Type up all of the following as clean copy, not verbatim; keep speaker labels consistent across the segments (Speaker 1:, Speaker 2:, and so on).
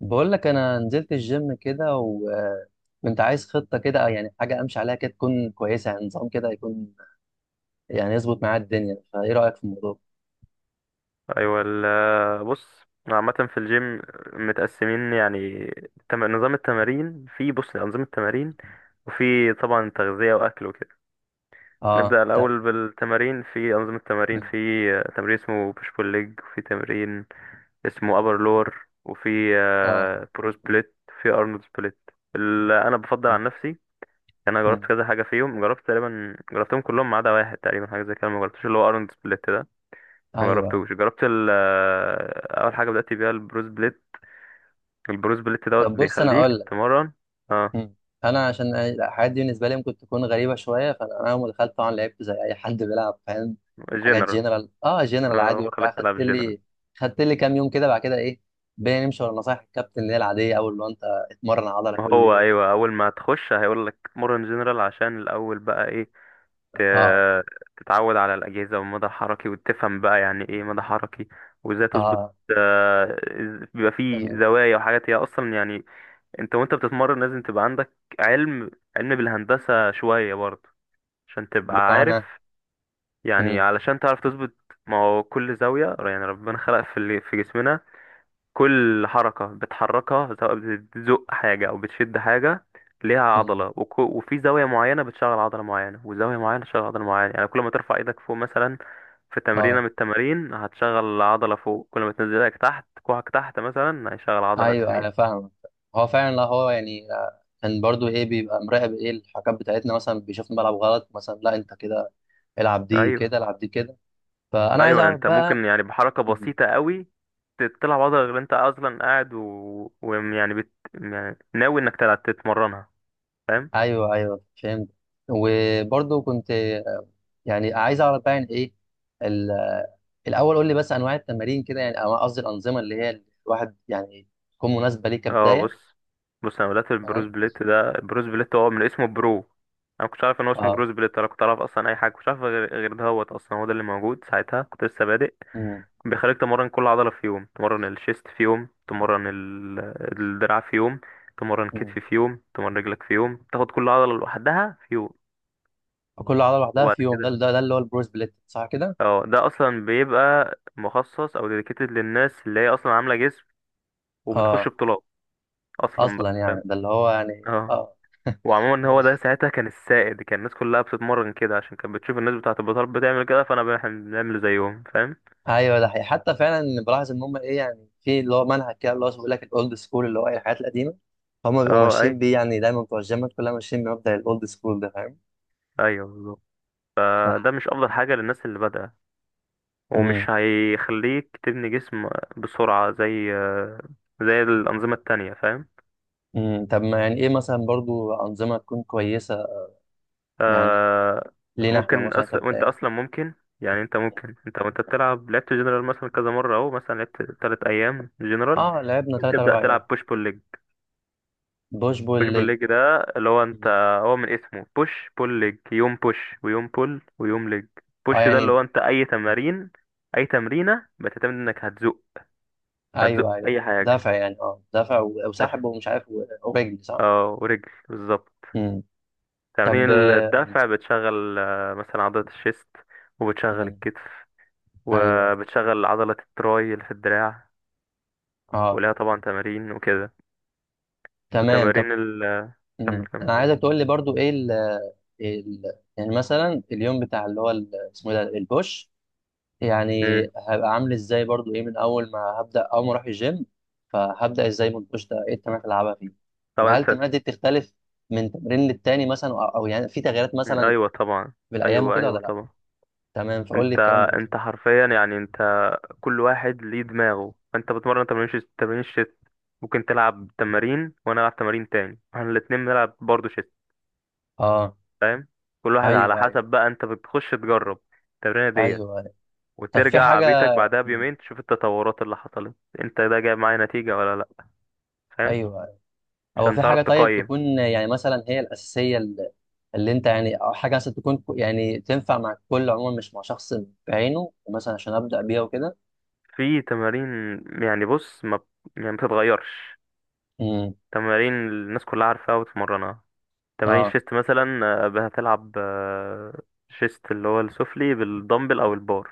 Speaker 1: بقول لك انا نزلت الجيم كده وكنت عايز خطه كده، يعني حاجه امشي عليها كده تكون كويسه، يعني نظام كده يكون، يعني يظبط معايا الدنيا. فايه رايك في الموضوع؟
Speaker 2: ايوه، بص، عامة في الجيم متقسمين يعني، نظام التمارين بص، أنظمة تمارين. وفي طبعا تغذية وأكل وكده.
Speaker 1: اه،
Speaker 2: نبدأ
Speaker 1: طب.
Speaker 2: الأول بالتمارين. في أنظمة تمارين،
Speaker 1: مم.
Speaker 2: في تمرين اسمه بوش بول ليج، وفي تمرين اسمه أبر لور، وفي
Speaker 1: اه.
Speaker 2: برو سبليت، وفي أرنولد سبليت اللي أنا بفضل
Speaker 1: مم.
Speaker 2: عن نفسي. أنا جربت
Speaker 1: مم.
Speaker 2: كذا حاجة فيهم، جربت تقريبا، جربتهم كلهم ما عدا واحد تقريبا، حاجة زي كده ما جربتش، اللي هو أرنولد سبليت. ما
Speaker 1: ايوه، أيوة.
Speaker 2: جربتوش. جربت ال آه، اول حاجه بدات بيها البروس بليت. البروس بليت دوت
Speaker 1: طب بص انا
Speaker 2: بيخليك
Speaker 1: اقول لك.
Speaker 2: تمرن. اه،
Speaker 1: مم. انا عشان الحاجات دي بالنسبه لي ممكن تكون غريبه شويه، فانا اول ما دخلت طبعا لعبت زي اي حد بيلعب، فاهم. حاجات
Speaker 2: جنرال.
Speaker 1: جنرال، اه جنرال
Speaker 2: اه،
Speaker 1: عادي
Speaker 2: هو
Speaker 1: وبتاع.
Speaker 2: خلاك
Speaker 1: خدت
Speaker 2: تلعب جنرال.
Speaker 1: لي خدت لي كام يوم كده، بعد كده ايه بقينا نمشي ورا نصايح الكابتن، اللي هي العاديه اول ما انت اتمرن عضله
Speaker 2: ما
Speaker 1: كل
Speaker 2: هو
Speaker 1: يوم.
Speaker 2: ايوه، اول ما تخش هيقول لك مرن جنرال عشان الاول بقى ايه،
Speaker 1: اه.
Speaker 2: ت- تتعود على الاجهزه والمدى الحركي، وتفهم بقى يعني ايه مدى حركي، وازاي تظبط.
Speaker 1: اه.
Speaker 2: بيبقى فيه
Speaker 1: ال-
Speaker 2: زوايا وحاجات هي اصلا، يعني انت وانت بتتمرن لازم تبقى عندك علم علم بالهندسه شويه برضه، عشان تبقى عارف،
Speaker 1: بمعنى.
Speaker 2: يعني
Speaker 1: مم.
Speaker 2: علشان تعرف تظبط. ما هو كل زاوية يعني ربنا خلق في اللي في جسمنا، كل حركة بتحركها سواء بتزق حاجة أو بتشد حاجة ليها
Speaker 1: مم.
Speaker 2: عضلة، وفي زاوية معينة بتشغل عضلة معينة، وزاوية معينة تشغل عضلة معينة. يعني كل ما ترفع ايدك فوق مثلا، في تمرينة
Speaker 1: اه.
Speaker 2: من التمارين هتشغل عضلة فوق. كل ما تنزل ايدك تحت كوعك تحت مثلا هيشغل عضلة
Speaker 1: ايوه
Speaker 2: تانية.
Speaker 1: انا فاهم. هو فعلا، لا هو يعني كان برضو ايه بيبقى مراقب، ايه الحكام بتاعتنا مثلا بيشوفني بلعب غلط مثلا، لا انت كده العب دي
Speaker 2: أيوة.
Speaker 1: كده، العب دي كده. فانا عايز
Speaker 2: ايوه،
Speaker 1: اعرف
Speaker 2: انت
Speaker 1: بقى.
Speaker 2: ممكن يعني بحركه
Speaker 1: مم.
Speaker 2: بسيطه قوي تطلع بعض، غير انت اصلا قاعد ويعني يعني ناوي انك تلعب تتمرنها، فاهم.
Speaker 1: ايوه ايوه فهمت. وبرضو كنت يعني عايز اعرف بقى يعني ايه ال- الاول قول لي بس انواع التمارين كده، يعني أو قصدي الانظمه، اللي هي الواحد يعني تكون مناسبه ليه
Speaker 2: اه،
Speaker 1: كبدايه.
Speaker 2: بص. انا بدات
Speaker 1: تمام.
Speaker 2: البروس بليت ده، بروس بليت هو من اسمه برو. انا كنتش عارف ان هو اسمه
Speaker 1: اه.
Speaker 2: بروس بليت، انا كنت اعرف اصلا اي حاجه، كنتش عارف غير ده. هوت اصلا هو ده اللي موجود ساعتها، كنت لسه بادئ.
Speaker 1: مم.
Speaker 2: بيخليك تمرن كل عضله في يوم، تمرن الشيست في يوم، تمرن الدراع في يوم، تمرن كتف
Speaker 1: مم.
Speaker 2: في يوم، تمرن رجلك في يوم، تاخد كل عضله لوحدها في
Speaker 1: كل عضله لوحدها
Speaker 2: يوم.
Speaker 1: في يوم، ده اللي هو البرو سبليت صح كده.
Speaker 2: اه، ده اصلا بيبقى مخصص او ديديكيتد للناس اللي هي اصلا عامله جسم وبتخش
Speaker 1: اه
Speaker 2: بطولات اصلا
Speaker 1: اصلا
Speaker 2: بقى،
Speaker 1: يعني
Speaker 2: فاهم.
Speaker 1: ده اللي هو يعني
Speaker 2: اه.
Speaker 1: اه.
Speaker 2: وعموما هو ده
Speaker 1: ماشي.
Speaker 2: ساعتها كان السائد، كان الناس كلها بتتمرن كده عشان كانت بتشوف الناس بتاعه البطولات بتعمل كده، فانا احنا بنعمل زيهم، فاهم.
Speaker 1: ايوه ده حقيقي، حتى فعلا بلاحظ ان هم ايه، يعني في اللي هو منهج كده اللي هو بيقول لك الاولد سكول، اللي هو ايه الحاجات القديمه هم بيبقوا
Speaker 2: اه، اي،
Speaker 1: ماشيين بيه، يعني دايما بتوع الجيمات كلها ماشيين بمبدأ الاولد سكول ده، فاهم.
Speaker 2: ايوه بالظبط.
Speaker 1: ف...
Speaker 2: ده مش افضل حاجه للناس اللي بادئه،
Speaker 1: مم.
Speaker 2: ومش هيخليك تبني جسم بسرعه زي زي الانظمه التانية، فاهم.
Speaker 1: مم. طب ما يعني ايه مثلا برضو انظمه تكون كويسه يعني
Speaker 2: آه،
Speaker 1: لينا احنا
Speaker 2: ممكن
Speaker 1: مثلا
Speaker 2: وانت
Speaker 1: كبدايه.
Speaker 2: اصلا ممكن، يعني انت ممكن، انت وانت بتلعب، لعبت جنرال مثلا كذا مره، اهو مثلا لعبت 3 ايام جنرال،
Speaker 1: اه لعبنا
Speaker 2: ممكن
Speaker 1: ثلاث
Speaker 2: تبدا
Speaker 1: اربع ايام.
Speaker 2: تلعب بوش بول ليج.
Speaker 1: بوش بول
Speaker 2: بوش بول
Speaker 1: ليج.
Speaker 2: ليج ده اللي هو انت،
Speaker 1: مم.
Speaker 2: هو من اسمه بوش بول ليج، يوم بوش ويوم بول ويوم ليج.
Speaker 1: اه
Speaker 2: بوش ده اللي
Speaker 1: يعني.
Speaker 2: هو انت اي تمارين اي تمرينه بتعتمد انك هتزق، هتزق
Speaker 1: ايوه ايوه
Speaker 2: اي حاجه.
Speaker 1: دافع يعني، اه دافع
Speaker 2: دفع،
Speaker 1: وسحب ومش عارف ورجل، صح؟
Speaker 2: اه، ورجل بالظبط.
Speaker 1: امم. طب
Speaker 2: تمارين
Speaker 1: مم.
Speaker 2: الدفع بتشغل مثلا عضله الشيست، وبتشغل
Speaker 1: مم.
Speaker 2: الكتف،
Speaker 1: ايوه.
Speaker 2: وبتشغل عضلة التراي اللي في الدراع،
Speaker 1: اه.
Speaker 2: ولها طبعا تمارين وكده.
Speaker 1: تمام طب.
Speaker 2: وتمارين ال...
Speaker 1: مم.
Speaker 2: كمل
Speaker 1: انا
Speaker 2: قول.
Speaker 1: عايزك تقول لي برضو ايه ال. ال يعني مثلا اليوم بتاع اللي هو اسمه إيه ده، البوش يعني
Speaker 2: مم.
Speaker 1: هبقى عامل ازاي برضو ايه، من اول ما هبدا، اول ما اروح الجيم فهبدا ازاي من البوش ده، ايه التمارين اللي هلعبها فيه؟
Speaker 2: طبعا
Speaker 1: وهل
Speaker 2: انت،
Speaker 1: التمارين دي بتختلف من تمرين للتاني مثلا، او أو يعني في تغييرات
Speaker 2: مم.
Speaker 1: مثلا
Speaker 2: ايوه طبعا.
Speaker 1: بالايام
Speaker 2: ايوه،
Speaker 1: وكده ولا
Speaker 2: ايوه
Speaker 1: لا؟
Speaker 2: طبعا.
Speaker 1: تمام فقول لي
Speaker 2: انت
Speaker 1: الكلام ده ازاي.
Speaker 2: انت حرفيا يعني انت، كل واحد ليه دماغه. انت بتمرن تمارين شيست، تمارين شيست ممكن تلعب، تمارين وانا العب تمارين تاني، احنا الاتنين بنلعب برضه شيست،
Speaker 1: اه.
Speaker 2: فاهم. كل واحد على
Speaker 1: ايوه ايوه.
Speaker 2: حسب. بقى انت بتخش تجرب التمرينه ديت،
Speaker 1: ايوه، أيوة. طب في
Speaker 2: وترجع
Speaker 1: حاجه.
Speaker 2: بيتك بعدها
Speaker 1: مم.
Speaker 2: بيومين تشوف التطورات اللي حصلت، انت ده جايب معايا نتيجة ولا لا، فاهم،
Speaker 1: ايوه، أيوة. او
Speaker 2: عشان
Speaker 1: في
Speaker 2: تعرف
Speaker 1: حاجه طيب
Speaker 2: تقيم.
Speaker 1: تكون يعني مثلا هي الاساسيه اللي، اللي انت يعني، او حاجه مثلا تكون يعني تنفع مع الكل عموما مش مع شخص بعينه مثلا، عشان ابدا بيها وكده.
Speaker 2: في تمارين، يعني بص، ما ب- يعني ما بتتغيرش.
Speaker 1: امم.
Speaker 2: تمارين الناس كلها عارفاها وتتمرنها. تمارين
Speaker 1: اه
Speaker 2: شيست مثلا هتلعب شيست اللي هو السفلي بالدمبل او البار،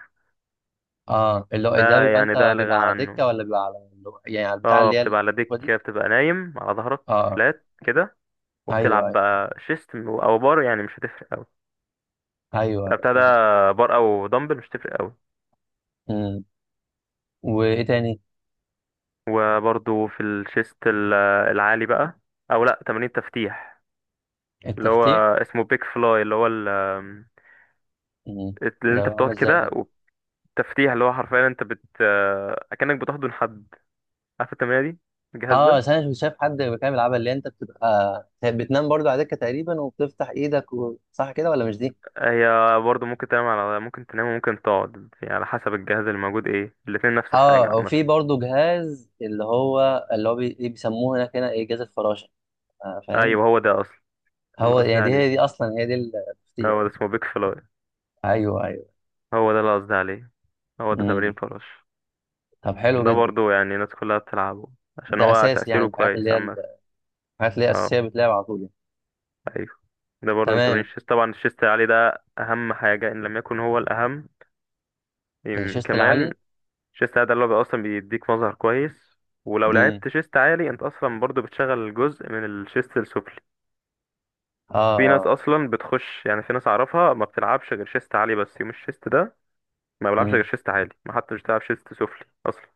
Speaker 1: اه اللي هو ده
Speaker 2: ده
Speaker 1: بيبقى
Speaker 2: يعني ده
Speaker 1: انت
Speaker 2: لا
Speaker 1: بيبقى
Speaker 2: غنى
Speaker 1: على
Speaker 2: عنه.
Speaker 1: دكه، ولا بيبقى على اللي يعني على البتاع
Speaker 2: اه،
Speaker 1: اللي هي
Speaker 2: بتبقى على
Speaker 1: هو
Speaker 2: ديك
Speaker 1: دي.
Speaker 2: كده، بتبقى نايم على ظهرك
Speaker 1: اه.
Speaker 2: فلات كده،
Speaker 1: ايوه
Speaker 2: وبتلعب
Speaker 1: ايوه.
Speaker 2: بقى شيست او بار، يعني مش هتفرق قوي
Speaker 1: ايوه، أيوة،
Speaker 2: بتاع ده،
Speaker 1: فهمت.
Speaker 2: بار او دمبل مش هتفرق قوي.
Speaker 1: امم. وايه تاني؟
Speaker 2: وبرضو في الشيست العالي بقى، او لا، تمارين تفتيح اللي هو
Speaker 1: التفتيح.
Speaker 2: اسمه بيك فلاي، اللي هو
Speaker 1: امم.
Speaker 2: اللي
Speaker 1: ده
Speaker 2: انت
Speaker 1: عامل
Speaker 2: بتقعد
Speaker 1: ازاي؟
Speaker 2: كده. والتفتيح اللي هو حرفيا انت بت آه، اكنك بتحضن حد، عارف التمرينه دي، الجهاز
Speaker 1: اه
Speaker 2: ده.
Speaker 1: بس انا كنت شايف حد كان بيلعبها، اللي انت بتبقى بتنام برضو على دكه تقريبا وبتفتح ايدك صح كده ولا مش دي؟
Speaker 2: هي برضه ممكن تنام على، ممكن تنام وممكن تقعد يعني على حسب الجهاز اللي موجود، ايه الاتنين نفس الحاجه
Speaker 1: اه وفي
Speaker 2: عامه.
Speaker 1: برضو جهاز اللي هو، اللي هو إيه بيسموه هناك، هنا ايه، جهاز الفراشه، فاهم؟
Speaker 2: ايوه، هو ده اصلا، ده اللي
Speaker 1: هو
Speaker 2: قصدي
Speaker 1: يعني دي هي،
Speaker 2: عليه،
Speaker 1: دي اصلا هي دي التفتيح.
Speaker 2: هو ده اسمه بيك فلاي،
Speaker 1: ايوه ايوه.
Speaker 2: هو ده اللي قصدي عليه، هو ده تمرين
Speaker 1: امم.
Speaker 2: فراش.
Speaker 1: طب حلو
Speaker 2: ده
Speaker 1: جدا.
Speaker 2: برضه يعني الناس كلها بتلعبه عشان
Speaker 1: ده
Speaker 2: هو
Speaker 1: اساسي يعني،
Speaker 2: تأثيره
Speaker 1: من الحاجات اللي
Speaker 2: كويس
Speaker 1: هي
Speaker 2: عامة.
Speaker 1: الحاجات اللي هي
Speaker 2: اه،
Speaker 1: اساسيه بتلعب على طول يعني.
Speaker 2: ايوه. ده برضه انت،
Speaker 1: تمام.
Speaker 2: مش طبعا. الشيست العالي ده اهم حاجه ان لم يكن هو الاهم
Speaker 1: الشيست
Speaker 2: كمان.
Speaker 1: العالي.
Speaker 2: الشيست العالي ده اللي هو اصلا بيديك مظهر كويس، ولو
Speaker 1: امم.
Speaker 2: لعبت شيست عالي انت اصلا برضه بتشغل جزء من الشيست السفلي.
Speaker 1: اه
Speaker 2: في ناس
Speaker 1: اه.
Speaker 2: اصلا بتخش، يعني في ناس اعرفها ما بتلعبش غير شيست عالي بس. يوم الشيست ده ما بلعبش غير
Speaker 1: امم.
Speaker 2: شيست عالي، ما حتى مش بتلعب شيست سفلي اصلا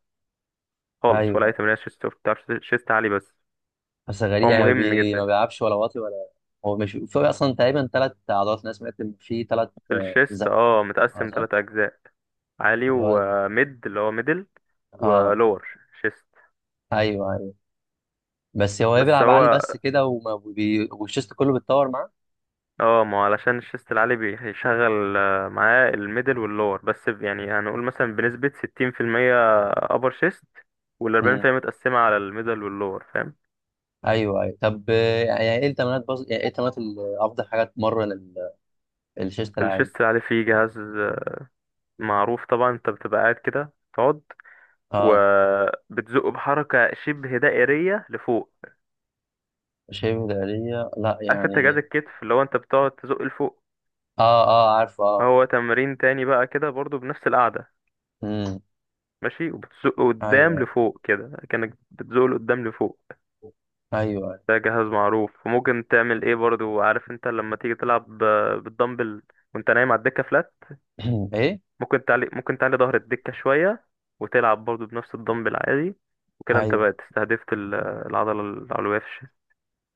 Speaker 2: خالص، ولا اي
Speaker 1: ايوه.
Speaker 2: تمرين شيست سفلي، بتلعب شيست عالي بس.
Speaker 1: بس غريب
Speaker 2: هو
Speaker 1: يعني، ما،
Speaker 2: مهم
Speaker 1: ما
Speaker 2: جدا.
Speaker 1: بيلعبش ولا واطي ولا؟ هو مش في اصلا تقريبا ثلاث عضلات؟ انا سمعت ان في ثلاث.
Speaker 2: الشيست
Speaker 1: زق.
Speaker 2: اه
Speaker 1: اه
Speaker 2: متقسم
Speaker 1: صح.
Speaker 2: ثلاث اجزاء، عالي
Speaker 1: اللي هو
Speaker 2: وميد اللي هو ميدل،
Speaker 1: اه.
Speaker 2: ولور شيست.
Speaker 1: ايوه ايوه. بس هو إيه،
Speaker 2: بس
Speaker 1: بيلعب عالي
Speaker 2: هو
Speaker 1: بس كده، وما والشيست كله بيتطور معاه؟
Speaker 2: اه، ما هو علشان الشيست العالي بيشغل معاه الميدل واللور، يعني هنقول مثلا بنسبة 60% أبر شيست، والأربعين في
Speaker 1: مم.
Speaker 2: المية متقسمة على الميدل واللور، فاهم.
Speaker 1: ايوه ايوه. طب يعني ايه التمرينات، يعني ايه التمرينات افضل حاجه تمرن ال. الشيست العالي.
Speaker 2: الشيست العالي فيه جهاز معروف طبعا، انت بتبقى قاعد كده تقعد
Speaker 1: اه،
Speaker 2: وبتزقه بحركة شبه دائرية لفوق.
Speaker 1: شايف دارية لا
Speaker 2: عارف انت جهاز
Speaker 1: يعني.
Speaker 2: الكتف اللي هو انت بتقعد تزق لفوق،
Speaker 1: اه اه عارفه اه.
Speaker 2: هو تمرين تاني بقى كده برضو بنفس القعدة.
Speaker 1: امم.
Speaker 2: ماشي، وبتزقه قدام
Speaker 1: ايوه.
Speaker 2: لفوق كده كأنك بتزقه لقدام لفوق.
Speaker 1: ايوه ايوه.
Speaker 2: ده جهاز معروف. وممكن تعمل ايه، برضو عارف انت لما تيجي تلعب بالدمبل وانت نايم على الدكة فلات،
Speaker 1: ايه.
Speaker 2: ممكن تعلي ظهر الدكة شوية، وتلعب برضو بنفس الدمبل عادي، وكده انت
Speaker 1: ايوه
Speaker 2: بقى استهدفت العضلة العلوية في الشيست.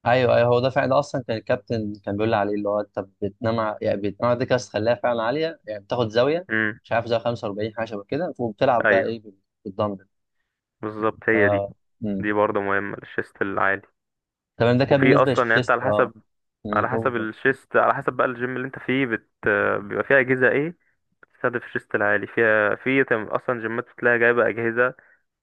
Speaker 1: ايوه. ايوه هو ده فعلا، ده اصلا كان الكابتن كان بيقول لي عليه، اللي هو انت بتنام يعني بتنام على دكه بس تخليها فعلا عاليه يعني، بتاخد زاويه
Speaker 2: امم،
Speaker 1: مش عارف، زاويه 45 حاجه شبه كده، وبتلعب بقى
Speaker 2: ايوه
Speaker 1: ايه بالدمبل.
Speaker 2: بالظبط.
Speaker 1: ف.
Speaker 2: هي دي.
Speaker 1: مم.
Speaker 2: دي برضو مهمة للشيست العالي.
Speaker 1: تمام ده كان
Speaker 2: وفي
Speaker 1: بالنسبه
Speaker 2: اصلا يعني انت
Speaker 1: للشيست
Speaker 2: على
Speaker 1: اه.
Speaker 2: حسب
Speaker 1: مم.
Speaker 2: على
Speaker 1: قول
Speaker 2: حسب
Speaker 1: قول.
Speaker 2: الشيست، على حسب بقى الجيم اللي انت فيه بيبقى فيه اجهزة ايه تستهدف الشيست العالي فيها. في اصلا جيمات بتلاقي جايبه اجهزه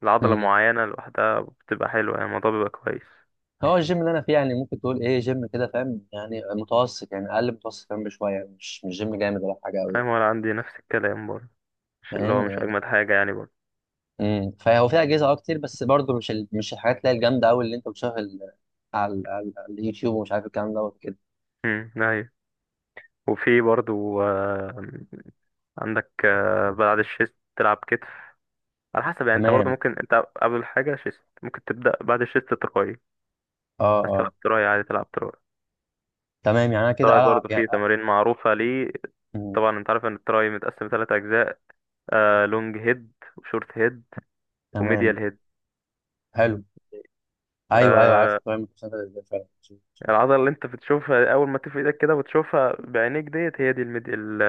Speaker 2: لعضله
Speaker 1: مم.
Speaker 2: معينه لوحدها، بتبقى حلوه يعني الموضوع بيبقى كويس.
Speaker 1: هو الجيم اللي انا فيه، يعني ممكن تقول ايه، جيم كده فاهم يعني متوسط، يعني اقل متوسط كمان بشويه يعني، مش جيم جامد ولا حاجه قوي،
Speaker 2: ايوه، وانا عندي نفس الكلام برضه. مش اللي هو
Speaker 1: فاهم
Speaker 2: مش
Speaker 1: يعني.
Speaker 2: اجمد حاجه يعني برضه.
Speaker 1: فهو فيه اجهزه اه كتير، بس برضه مش ال، مش الحاجات اللي هي الجامده قوي اللي انت بتشوفها على على على اليوتيوب ومش عارف الكلام دوت.
Speaker 2: امم، ايوه. وفي برضه عندك بعد الشيست تلعب كتف، على حسب يعني انت برضه
Speaker 1: تمام.
Speaker 2: ممكن انت، قبل حاجه شيست ممكن تبدا، بعد الشيست تراي،
Speaker 1: اه
Speaker 2: عايز تلعب
Speaker 1: اه.
Speaker 2: تراي عادي تلعب تراي.
Speaker 1: تمام يعني انا كده
Speaker 2: التراي
Speaker 1: العب
Speaker 2: برضه
Speaker 1: يعني
Speaker 2: فيه تمارين معروفة ليه.
Speaker 1: مم.
Speaker 2: طبعا انت عارف ان التراي متقسم ثلاث اجزاء، لونج هيد وشورت هيد
Speaker 1: تمام.
Speaker 2: وميديال هيد.
Speaker 1: حلو. ايوه ايوه عارف
Speaker 2: آه
Speaker 1: الطريقه المتسابقه ازاي فعلا.
Speaker 2: العضلة اللي انت بتشوفها اول ما تفرد ايدك كده وتشوفها بعينيك ديت هي دي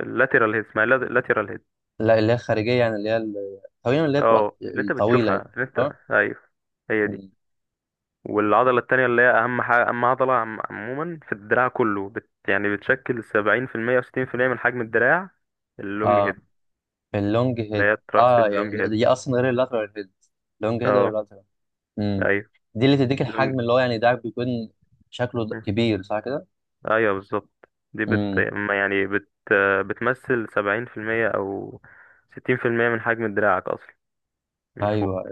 Speaker 2: اللاترال هيد، اسمها اللاترال هيد.
Speaker 1: لا اللي هي الخارجيه يعني، اللي هي تقريبا اللي هي بتبقى
Speaker 2: اه، اللي انت
Speaker 1: الطويله يعني،
Speaker 2: بتشوفها، اللي انت
Speaker 1: صح؟
Speaker 2: ايوه هي دي.
Speaker 1: مم.
Speaker 2: والعضلة التانية اللي هي اهم حاجة، اهم عضلة عموما في الدراع كله يعني بتشكل 70% وستين في المية من حجم الدراع، اللونج
Speaker 1: اه
Speaker 2: هيد،
Speaker 1: اللونج
Speaker 2: اللي هي
Speaker 1: هيد اه،
Speaker 2: الترايسب
Speaker 1: يعني
Speaker 2: لونج هيد.
Speaker 1: دي اصلا غير اللاترال هيد؟ لونج هيد غير
Speaker 2: اه،
Speaker 1: اللاترال. امم.
Speaker 2: ايوه
Speaker 1: دي اللي تديك
Speaker 2: لونج.
Speaker 1: الحجم، اللي هو يعني ده بيكون شكله كبير صح كده؟
Speaker 2: ايوه بالظبط، دي بت
Speaker 1: امم.
Speaker 2: ما يعني بت بتمثل 70% او 60% من حجم دراعك اصلا من فوق.
Speaker 1: ايوه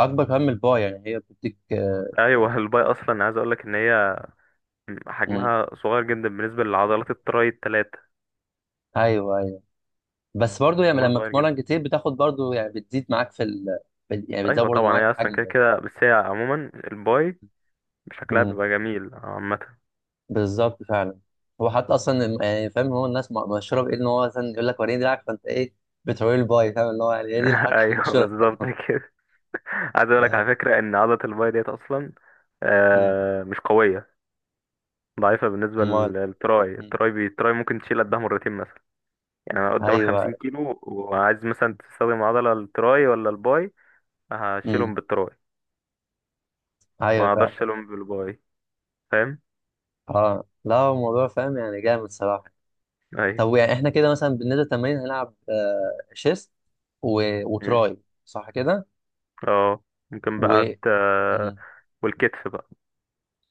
Speaker 1: اكبر كمان من الباي يعني، هي بتديك
Speaker 2: ايوه. الباي اصلا عايز اقولك ان هي
Speaker 1: مم.
Speaker 2: حجمها صغير جدا بالنسبة لعضلات التراي التلاتة،
Speaker 1: ايوه ايوه. بس برضو يعني
Speaker 2: حجمها
Speaker 1: لما
Speaker 2: صغير جدا.
Speaker 1: بتتمرن كتير بتاخد برضو يعني بتزيد معاك في ال. يعني بتزود
Speaker 2: ايوه
Speaker 1: برضو
Speaker 2: طبعا،
Speaker 1: معاك
Speaker 2: هي
Speaker 1: حجم
Speaker 2: اصلا كده
Speaker 1: يعني.
Speaker 2: كده، بس هي عموما الباي شكلها
Speaker 1: امم.
Speaker 2: بيبقى جميل عامة.
Speaker 1: بالظبط فعلا. هو حتى اصلا يعني فاهم هو الناس مشهوره بايه، ان هو مثلا يقول لك وريني دراعك، فانت ايه بتوري الباي فاهم، اللي هو يعني هي دي الحركه
Speaker 2: ايوه
Speaker 1: المشهوره
Speaker 2: بالظبط
Speaker 1: بتاعتهم.
Speaker 2: كده. عايز اقولك
Speaker 1: ف-
Speaker 2: على فكرة ان عضلة الباي ديت اصلا
Speaker 1: امم.
Speaker 2: مش قوية، ضعيفة بالنسبة
Speaker 1: امال.
Speaker 2: للتراي.
Speaker 1: امم.
Speaker 2: التراي ممكن تشيل قدها مرتين مثلا. يعني انا قدامك
Speaker 1: ايوه.
Speaker 2: 50 كيلو، وعايز مثلا تستخدم عضلة التراي ولا الباي، هشيلهم
Speaker 1: امم.
Speaker 2: بالتراي،
Speaker 1: ايوه
Speaker 2: ما اقدرش
Speaker 1: فعلا.
Speaker 2: اشيلهم بالباي، فاهم.
Speaker 1: اه لا هو الموضوع فاهم يعني، جامد صراحه.
Speaker 2: ايوه،
Speaker 1: طب يعني احنا كده مثلا بالنسبه للتمارين هنلعب آه شيست و.
Speaker 2: مم.
Speaker 1: وتراي صح كده
Speaker 2: اه ممكن بقى
Speaker 1: و. مم.
Speaker 2: والكتف بقى.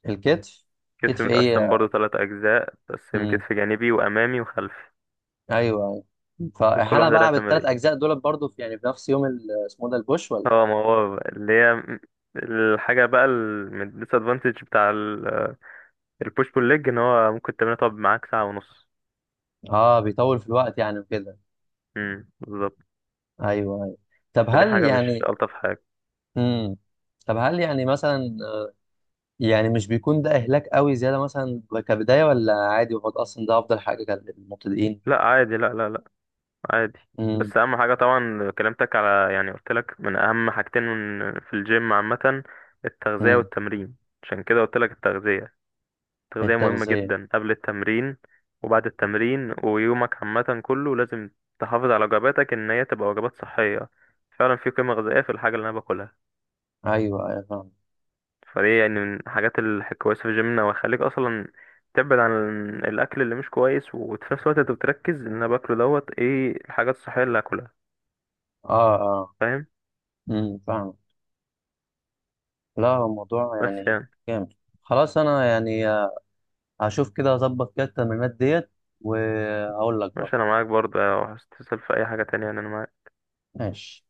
Speaker 1: الكتف.
Speaker 2: الكتف
Speaker 1: كتف
Speaker 2: متقسم
Speaker 1: ايه.
Speaker 2: برضو ثلاث اجزاء، متقسم
Speaker 1: امم.
Speaker 2: كتف جانبي وامامي وخلفي،
Speaker 1: ايوه، أيوة.
Speaker 2: وكل
Speaker 1: فانا
Speaker 2: واحدة لها
Speaker 1: بلعب الثلاث
Speaker 2: تمارين.
Speaker 1: اجزاء دول برضو في يعني في نفس يوم اسمه إيه ده، البوش ولا؟
Speaker 2: اه ما هو بقى اللي هي الحاجة بقى الديس ادفانتج بتاع البوش بول ليج ان هو ممكن تمرينها تقعد معاك ساعة ونص.
Speaker 1: اه بيطول في الوقت يعني وكده.
Speaker 2: بالظبط،
Speaker 1: ايوه ايوه. طب
Speaker 2: فدي
Speaker 1: هل
Speaker 2: حاجة مش
Speaker 1: يعني.
Speaker 2: ألطف حاجة.
Speaker 1: امم. طب هل يعني مثلا، يعني مش بيكون ده اهلاك قوي زياده مثلا كبدايه، ولا عادي هو ده اصلا ده افضل حاجه للمبتدئين؟
Speaker 2: لا عادي، لا، لا، لا عادي.
Speaker 1: امم.
Speaker 2: بس اهم حاجه طبعا كلمتك على، يعني قلت لك من اهم حاجتين في الجيم عامه، التغذيه
Speaker 1: امم.
Speaker 2: والتمرين. عشان كده قلت لك التغذيه. التغذيه مهمه
Speaker 1: التغذيه.
Speaker 2: جدا قبل التمرين وبعد التمرين، ويومك عامه كله لازم تحافظ على وجباتك ان هي تبقى وجبات صحيه، فعلا في قيمه غذائيه في الحاجه اللي انا باكلها.
Speaker 1: ايوه ايوه فاهم.
Speaker 2: فدي يعني من الحاجات الكويسه في جيمنا، وهيخليك اصلا تبعد عن الاكل اللي مش كويس، وفي نفس الوقت انت بتركز ان انا باكله دوت ايه الحاجات الصحيه اللي هاكلها،
Speaker 1: اه اه.
Speaker 2: فاهم.
Speaker 1: فاهم. لا هو الموضوع
Speaker 2: بس
Speaker 1: يعني
Speaker 2: يعني
Speaker 1: جامد. خلاص انا يعني هشوف كده، هظبط كده التمرينات ديت وهقول لك
Speaker 2: ماشي،
Speaker 1: برضه.
Speaker 2: انا معاك برضه لو عايز تسأل في اي حاجة تانية، يعني انا معاك.
Speaker 1: ماشي.